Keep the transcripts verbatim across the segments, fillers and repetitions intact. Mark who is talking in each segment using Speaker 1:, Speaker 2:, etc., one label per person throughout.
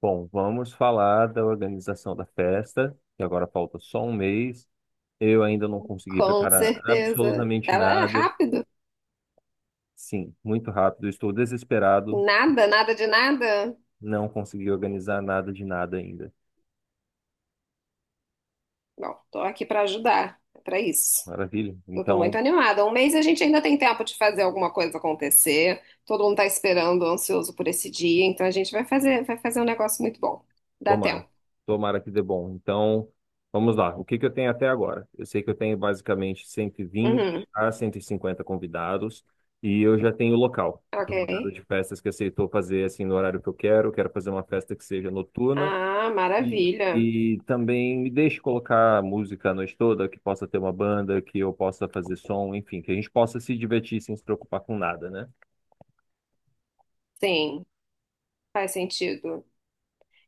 Speaker 1: Bom, vamos falar da organização da festa, que agora falta só um mês. Eu ainda não consegui
Speaker 2: Com
Speaker 1: preparar
Speaker 2: certeza.
Speaker 1: absolutamente
Speaker 2: Ela é
Speaker 1: nada.
Speaker 2: rápido.
Speaker 1: Sim, muito rápido, estou desesperado,
Speaker 2: Nada, nada de nada.
Speaker 1: não consegui organizar nada de nada ainda.
Speaker 2: Bom, tô aqui pra ajudar. É pra isso.
Speaker 1: Maravilha?
Speaker 2: Eu tô muito
Speaker 1: Então,
Speaker 2: animada. Um mês a gente ainda tem tempo de fazer alguma coisa acontecer. Todo mundo tá esperando, ansioso por esse dia, então a gente vai fazer, vai fazer um negócio muito bom. Dá
Speaker 1: tomara.
Speaker 2: tempo.
Speaker 1: Tomara que dê bom. Então, vamos lá. O que que eu tenho até agora? Eu sei que eu tenho basicamente cento e vinte
Speaker 2: Uhum.
Speaker 1: a cento e cinquenta convidados. E eu já tenho o local, que
Speaker 2: Ok.
Speaker 1: foi uma casa de festas que aceitou fazer assim no horário que eu quero. Eu quero fazer uma festa que seja noturna.
Speaker 2: Ah,
Speaker 1: E
Speaker 2: maravilha.
Speaker 1: e também me deixe colocar música a noite toda, que possa ter uma banda, que eu possa fazer som, enfim, que a gente possa se divertir sem se preocupar com nada, né?
Speaker 2: Sim, faz sentido.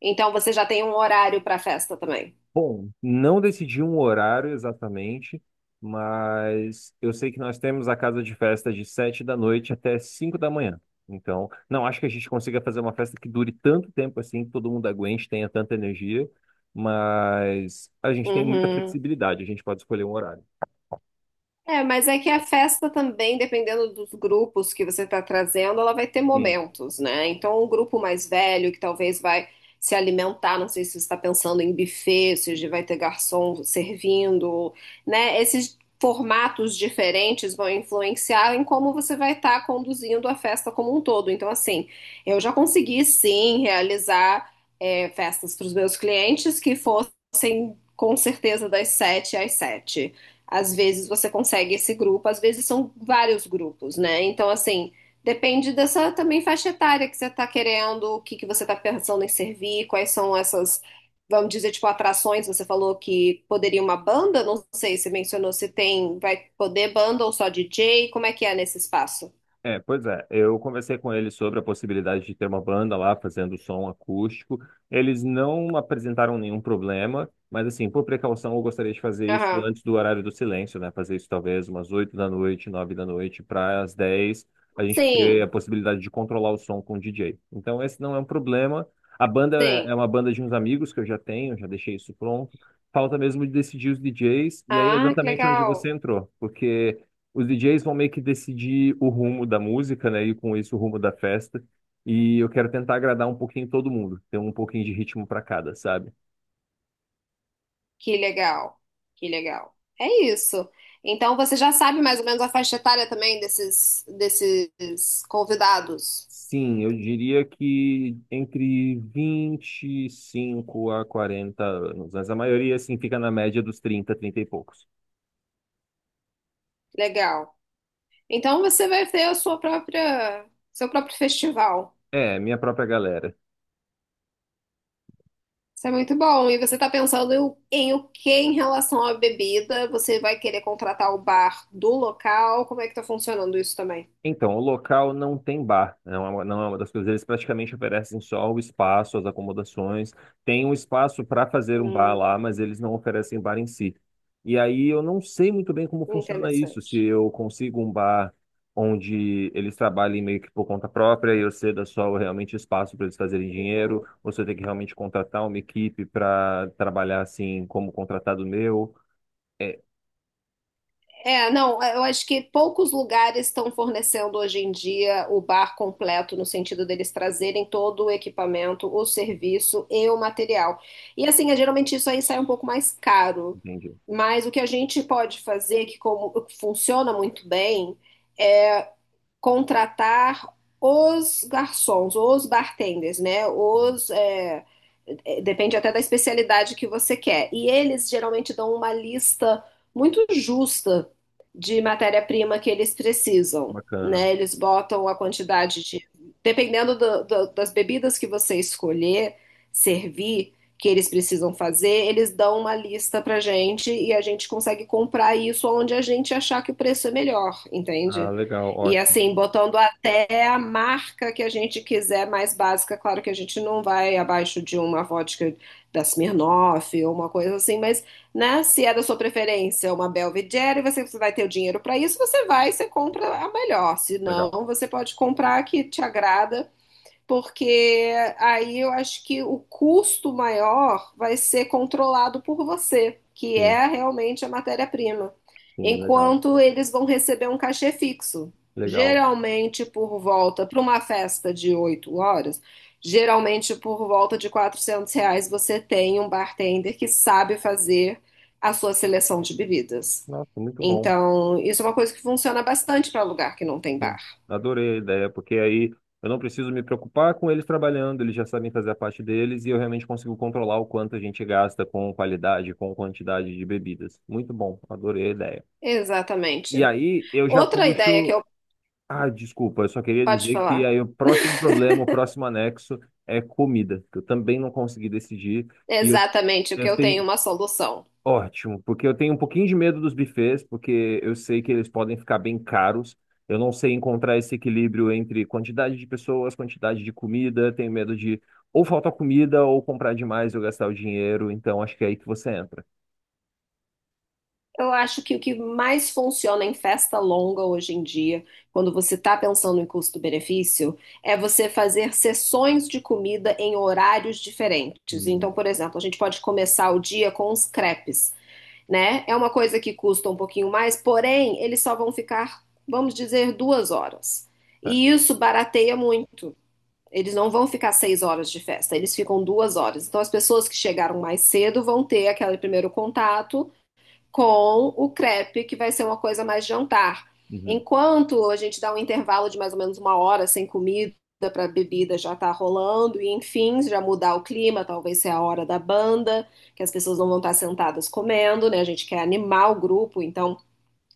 Speaker 2: Então você já tem um horário para a festa também.
Speaker 1: Bom, não decidi um horário exatamente, mas eu sei que nós temos a casa de festa de sete da noite até cinco da manhã. Então, não acho que a gente consiga fazer uma festa que dure tanto tempo assim, que todo mundo aguente, tenha tanta energia, mas a gente tem muita
Speaker 2: Uhum.
Speaker 1: flexibilidade, a gente pode escolher um horário.
Speaker 2: É, mas é que a festa também, dependendo dos grupos que você está trazendo, ela vai ter momentos, né? Então, um grupo mais velho que talvez vai se alimentar, não sei se você está pensando em buffet, se hoje vai ter garçom servindo, né? Esses formatos diferentes vão influenciar em como você vai estar conduzindo a festa como um todo. Então, assim, eu já consegui sim realizar é, festas para os meus clientes que fossem com certeza das sete às sete. Às vezes você consegue esse grupo, às vezes são vários grupos, né? Então, assim, depende dessa também faixa etária que você está querendo, o que que você está pensando em servir, quais são essas, vamos dizer, tipo, atrações. Você falou que poderia uma banda, não sei, você mencionou se tem, vai poder banda ou só D J, como é que é nesse espaço?
Speaker 1: É, pois é. Eu conversei com eles sobre a possibilidade de ter uma banda lá fazendo som acústico. Eles não apresentaram nenhum problema, mas assim, por precaução, eu gostaria de fazer isso
Speaker 2: Aham.
Speaker 1: antes do horário do silêncio, né? Fazer isso talvez umas oito da noite, nove da noite, para as dez a gente ter a
Speaker 2: Sim,
Speaker 1: possibilidade de controlar o som com o D J. Então, esse não é um problema. A banda
Speaker 2: sim.
Speaker 1: é é uma banda de uns amigos que eu já tenho, já deixei isso pronto. Falta mesmo de decidir os D Js, e aí é
Speaker 2: Ah, que
Speaker 1: exatamente onde você
Speaker 2: legal.
Speaker 1: entrou, porque os D Js vão meio que decidir o rumo da música, né? E com isso o rumo da festa. E eu quero tentar agradar um pouquinho todo mundo, ter um pouquinho de ritmo para cada, sabe?
Speaker 2: Que legal, que legal. É isso. Então você já sabe mais ou menos a faixa etária também desses, desses convidados.
Speaker 1: Sim, eu diria que entre vinte e cinco a quarenta anos, mas a maioria assim fica na média dos trinta, trinta e poucos.
Speaker 2: Legal. Então você vai ter a sua própria, seu próprio festival.
Speaker 1: É, minha própria galera.
Speaker 2: Isso é muito bom. E você está pensando em, em o que em relação à bebida? Você vai querer contratar o bar do local? Como é que está funcionando isso também?
Speaker 1: Então, o local não tem bar, não é uma, não é uma das coisas. Eles praticamente oferecem só o espaço, as acomodações. Tem um espaço para fazer um bar lá,
Speaker 2: Hum,
Speaker 1: mas eles não oferecem bar em si. E aí eu não sei muito bem como funciona isso. Se
Speaker 2: interessante.
Speaker 1: eu consigo um bar onde eles trabalhem meio que por conta própria e eu ceda só realmente espaço para eles fazerem dinheiro,
Speaker 2: Uhum.
Speaker 1: ou se eu tenho que realmente contratar uma equipe para trabalhar assim como contratado meu. É,
Speaker 2: É, não, é, eu acho que poucos lugares estão fornecendo hoje em dia o bar completo, no sentido deles trazerem todo o equipamento, o serviço e o material. E assim, é, geralmente isso aí sai um pouco mais caro.
Speaker 1: entendi.
Speaker 2: Mas o que a gente pode fazer, que como funciona muito bem, é contratar os garçons, os bartenders, né?
Speaker 1: Uhum.
Speaker 2: Os, é, é, depende até da especialidade que você quer. E eles geralmente dão uma lista muito justa de matéria-prima que eles precisam,
Speaker 1: Bacana.
Speaker 2: né? Eles botam a quantidade de, dependendo do- do- das bebidas que você escolher servir, que eles precisam fazer, eles dão uma lista pra gente e a gente consegue comprar isso onde a gente achar que o preço é melhor,
Speaker 1: Ah,
Speaker 2: entende?
Speaker 1: legal,
Speaker 2: E
Speaker 1: ótimo.
Speaker 2: assim, botando até a marca que a gente quiser mais básica, claro que a gente não vai abaixo de uma vodka da Smirnoff ou uma coisa assim, mas né, se é da sua preferência uma Belvedere, você você vai ter o dinheiro para isso, você vai, você compra a melhor. Se não,
Speaker 1: Legal.
Speaker 2: você pode comprar a que te agrada porque aí eu acho que o custo maior vai ser controlado por você, que
Speaker 1: Sim.
Speaker 2: é realmente a matéria-prima,
Speaker 1: Sim, legal,
Speaker 2: enquanto eles vão receber um cachê fixo.
Speaker 1: legal.
Speaker 2: Geralmente por volta, para uma festa de oito horas, geralmente por volta de quatrocentos reais você tem um bartender que sabe fazer a sua seleção de bebidas.
Speaker 1: Nossa, muito bom.
Speaker 2: Então, isso é uma coisa que funciona bastante para lugar que não tem
Speaker 1: Sim,
Speaker 2: bar.
Speaker 1: adorei a ideia, porque aí eu não preciso me preocupar com eles trabalhando, eles já sabem fazer a parte deles e eu realmente consigo controlar o quanto a gente gasta com qualidade, com quantidade de bebidas. Muito bom, adorei a ideia. E
Speaker 2: Exatamente.
Speaker 1: aí eu já
Speaker 2: Outra ideia que
Speaker 1: puxo.
Speaker 2: eu.
Speaker 1: Ah, desculpa, eu só queria
Speaker 2: Pode
Speaker 1: dizer que
Speaker 2: falar.
Speaker 1: aí o próximo problema, o próximo anexo é comida, que eu também não consegui decidir e eu,
Speaker 2: Exatamente, o
Speaker 1: eu
Speaker 2: que eu tenho é
Speaker 1: tenho.
Speaker 2: uma solução.
Speaker 1: Ótimo, porque eu tenho um pouquinho de medo dos buffets, porque eu sei que eles podem ficar bem caros. Eu não sei encontrar esse equilíbrio entre quantidade de pessoas, quantidade de comida. Tenho medo de ou faltar comida ou comprar demais e eu gastar o dinheiro. Então acho que é aí que você entra.
Speaker 2: Eu acho que o que mais funciona em festa longa hoje em dia, quando você está pensando em custo-benefício, é você fazer sessões de comida em horários diferentes. Então,
Speaker 1: Hum.
Speaker 2: por exemplo, a gente pode começar o dia com os crepes, né? É uma coisa que custa um pouquinho mais, porém, eles só vão ficar, vamos dizer, duas horas.
Speaker 1: Tá.
Speaker 2: E isso barateia muito. Eles não vão ficar seis horas de festa, eles ficam duas horas. Então, as pessoas que chegaram mais cedo vão ter aquele primeiro contato com o crepe, que vai ser uma coisa mais jantar.
Speaker 1: Uhum.
Speaker 2: Enquanto a gente dá um intervalo de mais ou menos uma hora sem comida para a bebida já tá rolando, e enfim, já mudar o clima, talvez seja a hora da banda, que as pessoas não vão estar sentadas comendo, né? A gente quer animar o grupo, então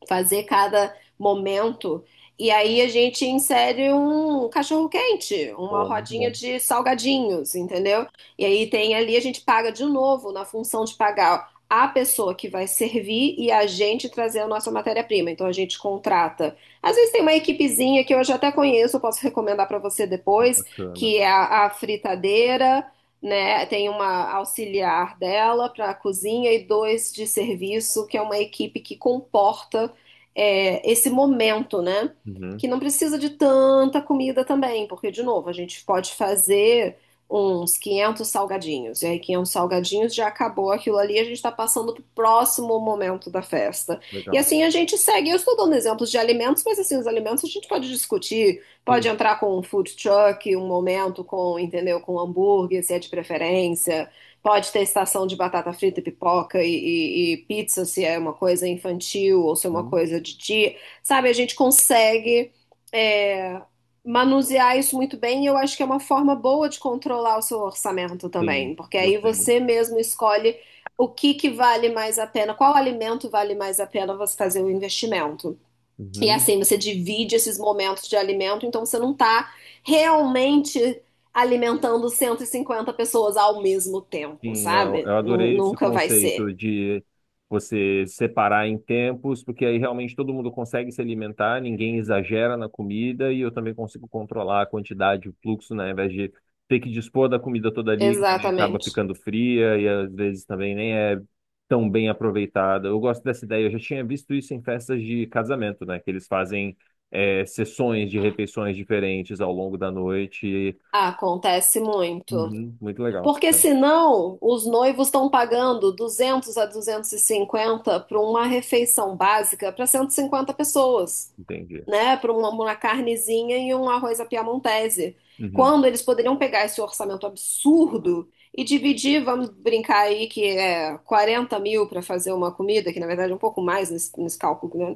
Speaker 2: fazer cada momento. E aí a gente insere um cachorro quente, uma
Speaker 1: Pô, muito
Speaker 2: rodinha
Speaker 1: bom,
Speaker 2: de salgadinhos, entendeu? E aí tem ali, a gente paga de novo na função de pagar a pessoa que vai servir e a gente trazer a nossa matéria-prima. Então a gente contrata. Às vezes tem uma equipezinha que eu já até conheço, eu posso recomendar para você depois,
Speaker 1: bacana.
Speaker 2: que é a, a fritadeira, né? Tem uma auxiliar dela para a cozinha e dois de serviço, que é uma equipe que comporta é, esse momento, né?
Speaker 1: Uhum.
Speaker 2: Que não precisa de tanta comida também, porque, de novo, a gente pode fazer uns quinhentos salgadinhos, e aí quinhentos salgadinhos já acabou aquilo ali, a gente está passando para o próximo momento da festa. E
Speaker 1: Legal.
Speaker 2: assim a gente segue. Eu estou dando exemplos de alimentos, mas assim, os alimentos a gente pode discutir, pode
Speaker 1: Sim.
Speaker 2: entrar com um food truck, um momento com, entendeu, com hambúrguer, se é de preferência. Pode ter estação de batata frita, e pipoca e, e- e pizza, se é uma coisa infantil ou se é uma
Speaker 1: Uhum.
Speaker 2: coisa de dia. Sabe, a gente consegue é, manusear isso muito bem e eu acho que é uma forma boa de controlar o seu orçamento
Speaker 1: Sim.
Speaker 2: também, porque aí
Speaker 1: Gostei muito.
Speaker 2: você mesmo escolhe o que que vale mais a pena, qual alimento vale mais a pena você fazer o investimento. E é
Speaker 1: Uhum.
Speaker 2: assim, você divide esses momentos de alimento, então você não está realmente alimentando cento e cinquenta pessoas ao mesmo tempo,
Speaker 1: Sim, eu
Speaker 2: sabe?
Speaker 1: eu
Speaker 2: Nu-
Speaker 1: adorei esse
Speaker 2: nunca vai ser.
Speaker 1: conceito de você separar em tempos, porque aí realmente todo mundo consegue se alimentar, ninguém exagera na comida e eu também consigo controlar a quantidade, o fluxo, né, ao invés de ter que dispor da comida toda ali, que também acaba
Speaker 2: Exatamente.
Speaker 1: ficando fria e às vezes também nem é tão bem aproveitada. Eu gosto dessa ideia, eu já tinha visto isso em festas de casamento, né, que eles fazem é, sessões de refeições diferentes ao longo da noite.
Speaker 2: Acontece muito.
Speaker 1: Uhum, muito legal.
Speaker 2: Porque
Speaker 1: É,
Speaker 2: senão os noivos estão pagando duzentos a duzentos e cinquenta para uma refeição básica para cento e cinquenta pessoas.
Speaker 1: entendi.
Speaker 2: Né, para uma, uma carnezinha e um arroz à piamontese.
Speaker 1: Uhum.
Speaker 2: Quando eles poderiam pegar esse orçamento absurdo e dividir, vamos brincar aí que é quarenta mil para fazer uma comida, que na verdade é um pouco mais nesse, nesse cálculo, né?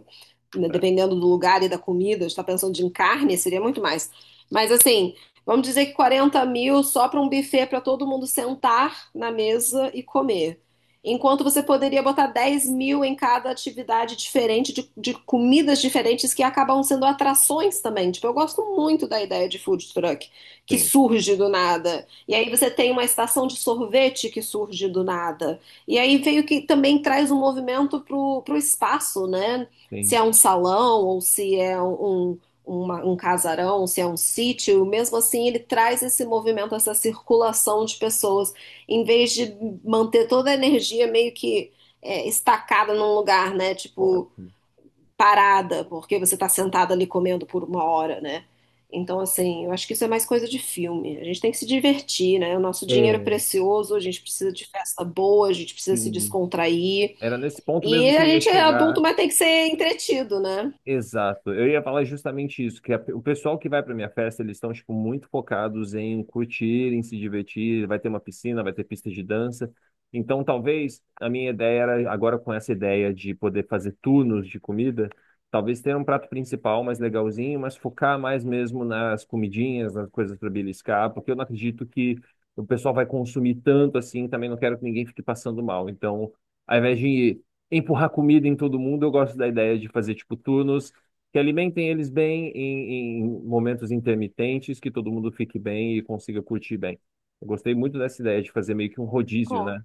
Speaker 2: Né,
Speaker 1: Tá.
Speaker 2: dependendo do lugar e da comida, está pensando de carne, seria muito mais. Mas assim, vamos dizer que quarenta mil só para um buffet para todo mundo sentar na mesa e comer. Enquanto você poderia botar dez mil em cada atividade diferente, de, de comidas diferentes que acabam sendo atrações também. Tipo, eu gosto muito da ideia de food truck, que
Speaker 1: Tem,
Speaker 2: surge do nada. E aí você tem uma estação de sorvete que surge do nada. E aí veio que também traz um movimento pro, pro espaço, né? Se
Speaker 1: tem.
Speaker 2: é um salão ou se é um, uma- um casarão, se é um sítio, mesmo assim ele traz esse movimento, essa circulação de pessoas, em vez de manter toda a energia meio que é, estacada num lugar, né? Tipo,
Speaker 1: Ótimo.
Speaker 2: parada, porque você está sentado ali comendo por uma hora, né? Então, assim, eu acho que isso é mais coisa de filme. A gente tem que se divertir, né? O nosso
Speaker 1: É,
Speaker 2: dinheiro é precioso, a gente precisa de festa boa, a gente precisa se
Speaker 1: sim.
Speaker 2: descontrair.
Speaker 1: Era nesse ponto
Speaker 2: E
Speaker 1: mesmo que
Speaker 2: a
Speaker 1: eu ia
Speaker 2: gente é adulto,
Speaker 1: chegar.
Speaker 2: mas tem que ser entretido, né?
Speaker 1: Exato. Eu ia falar justamente isso, que a- o pessoal que vai para minha festa, eles estão tipo muito focados em curtir, em se divertir, vai ter uma piscina, vai ter pista de dança. Então, talvez a minha ideia era agora com essa ideia de poder fazer turnos de comida, talvez ter um prato principal mais legalzinho, mas focar mais mesmo nas comidinhas, nas coisas para beliscar, porque eu não acredito que o pessoal vai consumir tanto assim, também não quero que ninguém fique passando mal. Então, ao invés de empurrar comida em todo mundo. Eu gosto da ideia de fazer tipo turnos que alimentem eles bem em, em momentos intermitentes, que todo mundo fique bem e consiga curtir bem. Eu gostei muito dessa ideia de fazer meio que um rodízio,
Speaker 2: Bom,
Speaker 1: né?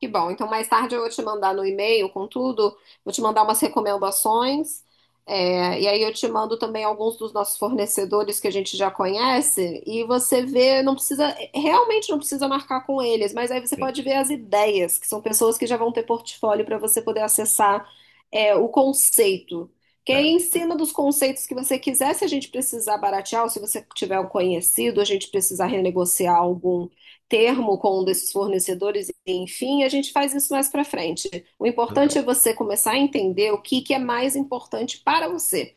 Speaker 2: que bom. Então, mais tarde eu vou te mandar no e-mail com tudo, vou te mandar umas recomendações, é, e aí eu te mando também alguns dos nossos fornecedores que a gente já conhece, e você vê, não precisa, realmente não precisa marcar com eles, mas aí você
Speaker 1: Sim,
Speaker 2: pode ver as ideias, que são pessoas que já vão ter portfólio para você poder acessar, é, o conceito. Que aí
Speaker 1: é,
Speaker 2: em cima dos conceitos que você quiser, se a gente precisar baratear, ou se você tiver um conhecido, a gente precisar renegociar algum termo com um desses fornecedores, enfim, a gente faz isso mais para frente. O importante
Speaker 1: legal,
Speaker 2: é você começar a entender o que, que é mais importante para você,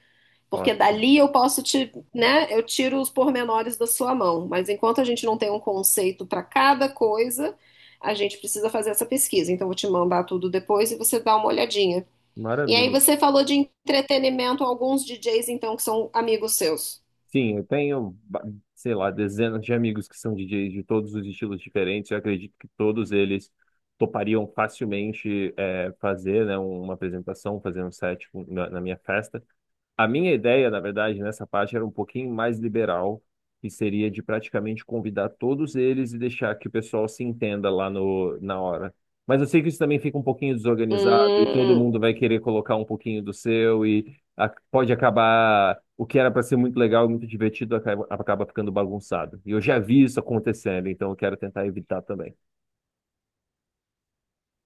Speaker 2: porque
Speaker 1: ótimo,
Speaker 2: dali eu posso te, né, eu tiro os pormenores da sua mão, mas enquanto a gente não tem um conceito para cada coisa, a gente precisa fazer essa pesquisa. Então, eu vou te mandar tudo depois e você dá uma olhadinha. E aí,
Speaker 1: maravilha.
Speaker 2: você falou de entretenimento, alguns D Js, então, que são amigos seus.
Speaker 1: Sim, eu tenho, ba- sei lá, dezenas de amigos que são D Js de todos os estilos diferentes. Eu acredito que todos eles topariam facilmente é, fazer, né, uma apresentação, fazer um set na na minha festa. A minha ideia, na verdade, nessa parte era um pouquinho mais liberal, que seria de praticamente convidar todos eles e deixar que o pessoal se entenda lá no, na hora. Mas eu sei que isso também fica um pouquinho desorganizado e todo
Speaker 2: Hum,
Speaker 1: mundo vai querer colocar um pouquinho do seu e a- pode acabar o que era para ser muito legal e muito divertido acaba, acaba ficando bagunçado. E eu já vi isso acontecendo, então eu quero tentar evitar também.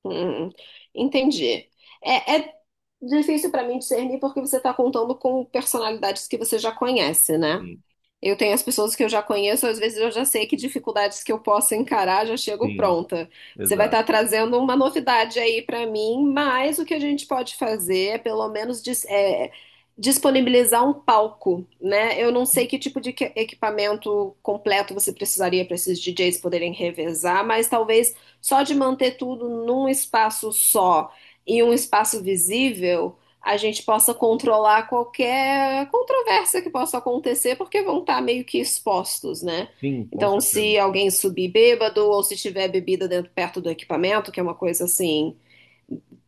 Speaker 2: Hum, entendi. É, é difícil para mim discernir porque você está contando com personalidades que você já conhece, né?
Speaker 1: Sim,
Speaker 2: Eu tenho as pessoas que eu já conheço, às vezes eu já sei que dificuldades que eu posso encarar, já chego
Speaker 1: sim,
Speaker 2: pronta. Você vai
Speaker 1: exato.
Speaker 2: estar trazendo uma novidade aí para mim, mas o que a gente pode fazer é pelo menos dis- é, disponibilizar um palco, né? Eu não sei que tipo de que- equipamento completo você precisaria para esses D Js poderem revezar, mas talvez só de manter tudo num espaço só e um espaço visível a gente possa controlar qualquer controvérsia que possa acontecer, porque vão estar meio que expostos, né?
Speaker 1: Sim, com
Speaker 2: Então,
Speaker 1: certeza.
Speaker 2: se alguém subir bêbado ou se tiver bebida dentro, perto do equipamento, que é uma coisa assim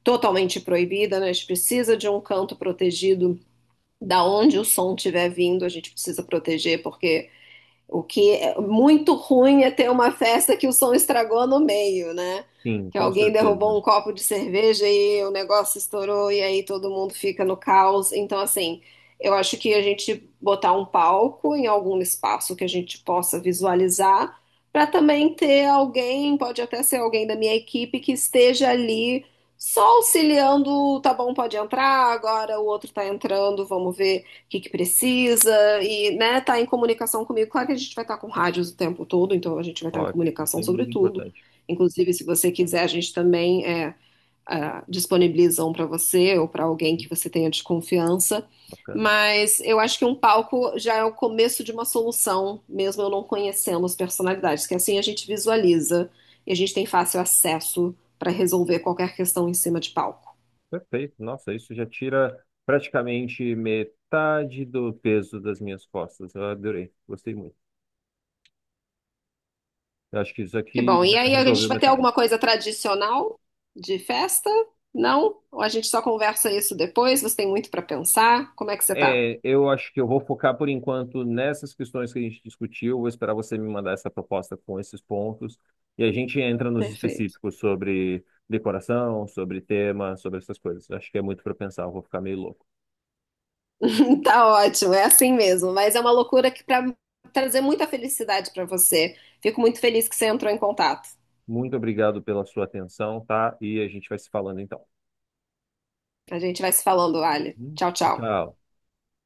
Speaker 2: totalmente proibida, né? A gente precisa de um canto protegido da onde o som estiver vindo, a gente precisa proteger, porque o que é muito ruim é ter uma festa que o som estragou no meio, né?
Speaker 1: Sim,
Speaker 2: Que
Speaker 1: com
Speaker 2: alguém derrubou
Speaker 1: certeza.
Speaker 2: um copo de cerveja e o negócio estourou e aí todo mundo fica no caos. Então, assim, eu acho que a gente botar um palco em algum espaço que a gente possa visualizar, para também ter alguém, pode até ser alguém da minha equipe, que esteja ali só auxiliando, tá bom, pode entrar, agora o outro tá entrando, vamos ver o que que precisa e, né, tá em comunicação comigo. Claro que a gente vai estar com rádios o tempo todo, então a gente vai estar em
Speaker 1: Ótimo, isso
Speaker 2: comunicação
Speaker 1: é
Speaker 2: sobre
Speaker 1: muito
Speaker 2: tudo.
Speaker 1: importante.
Speaker 2: Inclusive, se você quiser, a gente também é, ah, disponibiliza um para você ou para alguém que você tenha desconfiança.
Speaker 1: Bacana.
Speaker 2: Mas eu acho que um palco já é o começo de uma solução, mesmo eu não conhecendo as personalidades, que assim a gente visualiza e a gente tem fácil acesso para resolver qualquer questão em cima de palco.
Speaker 1: Perfeito. Nossa, isso já tira praticamente metade do peso das minhas costas. Eu adorei, gostei muito. Eu acho que isso
Speaker 2: Que bom.
Speaker 1: aqui já
Speaker 2: E aí, a gente
Speaker 1: resolveu
Speaker 2: vai ter
Speaker 1: metade.
Speaker 2: alguma coisa tradicional de festa? Não? Ou a gente só conversa isso depois? Você tem muito para pensar? Como é que você tá?
Speaker 1: É, eu acho que eu vou focar por enquanto nessas questões que a gente discutiu. Vou esperar você me mandar essa proposta com esses pontos e a gente entra nos
Speaker 2: Perfeito.
Speaker 1: específicos sobre decoração, sobre tema, sobre essas coisas. Acho que é muito para pensar, eu vou ficar meio louco.
Speaker 2: Tá ótimo, é assim mesmo. Mas é uma loucura que para trazer muita felicidade para você. Fico muito feliz que você entrou em contato.
Speaker 1: Muito obrigado pela sua atenção, tá? E a gente vai se falando então.
Speaker 2: A gente vai se falando, Ali. Tchau, tchau.
Speaker 1: Tchau.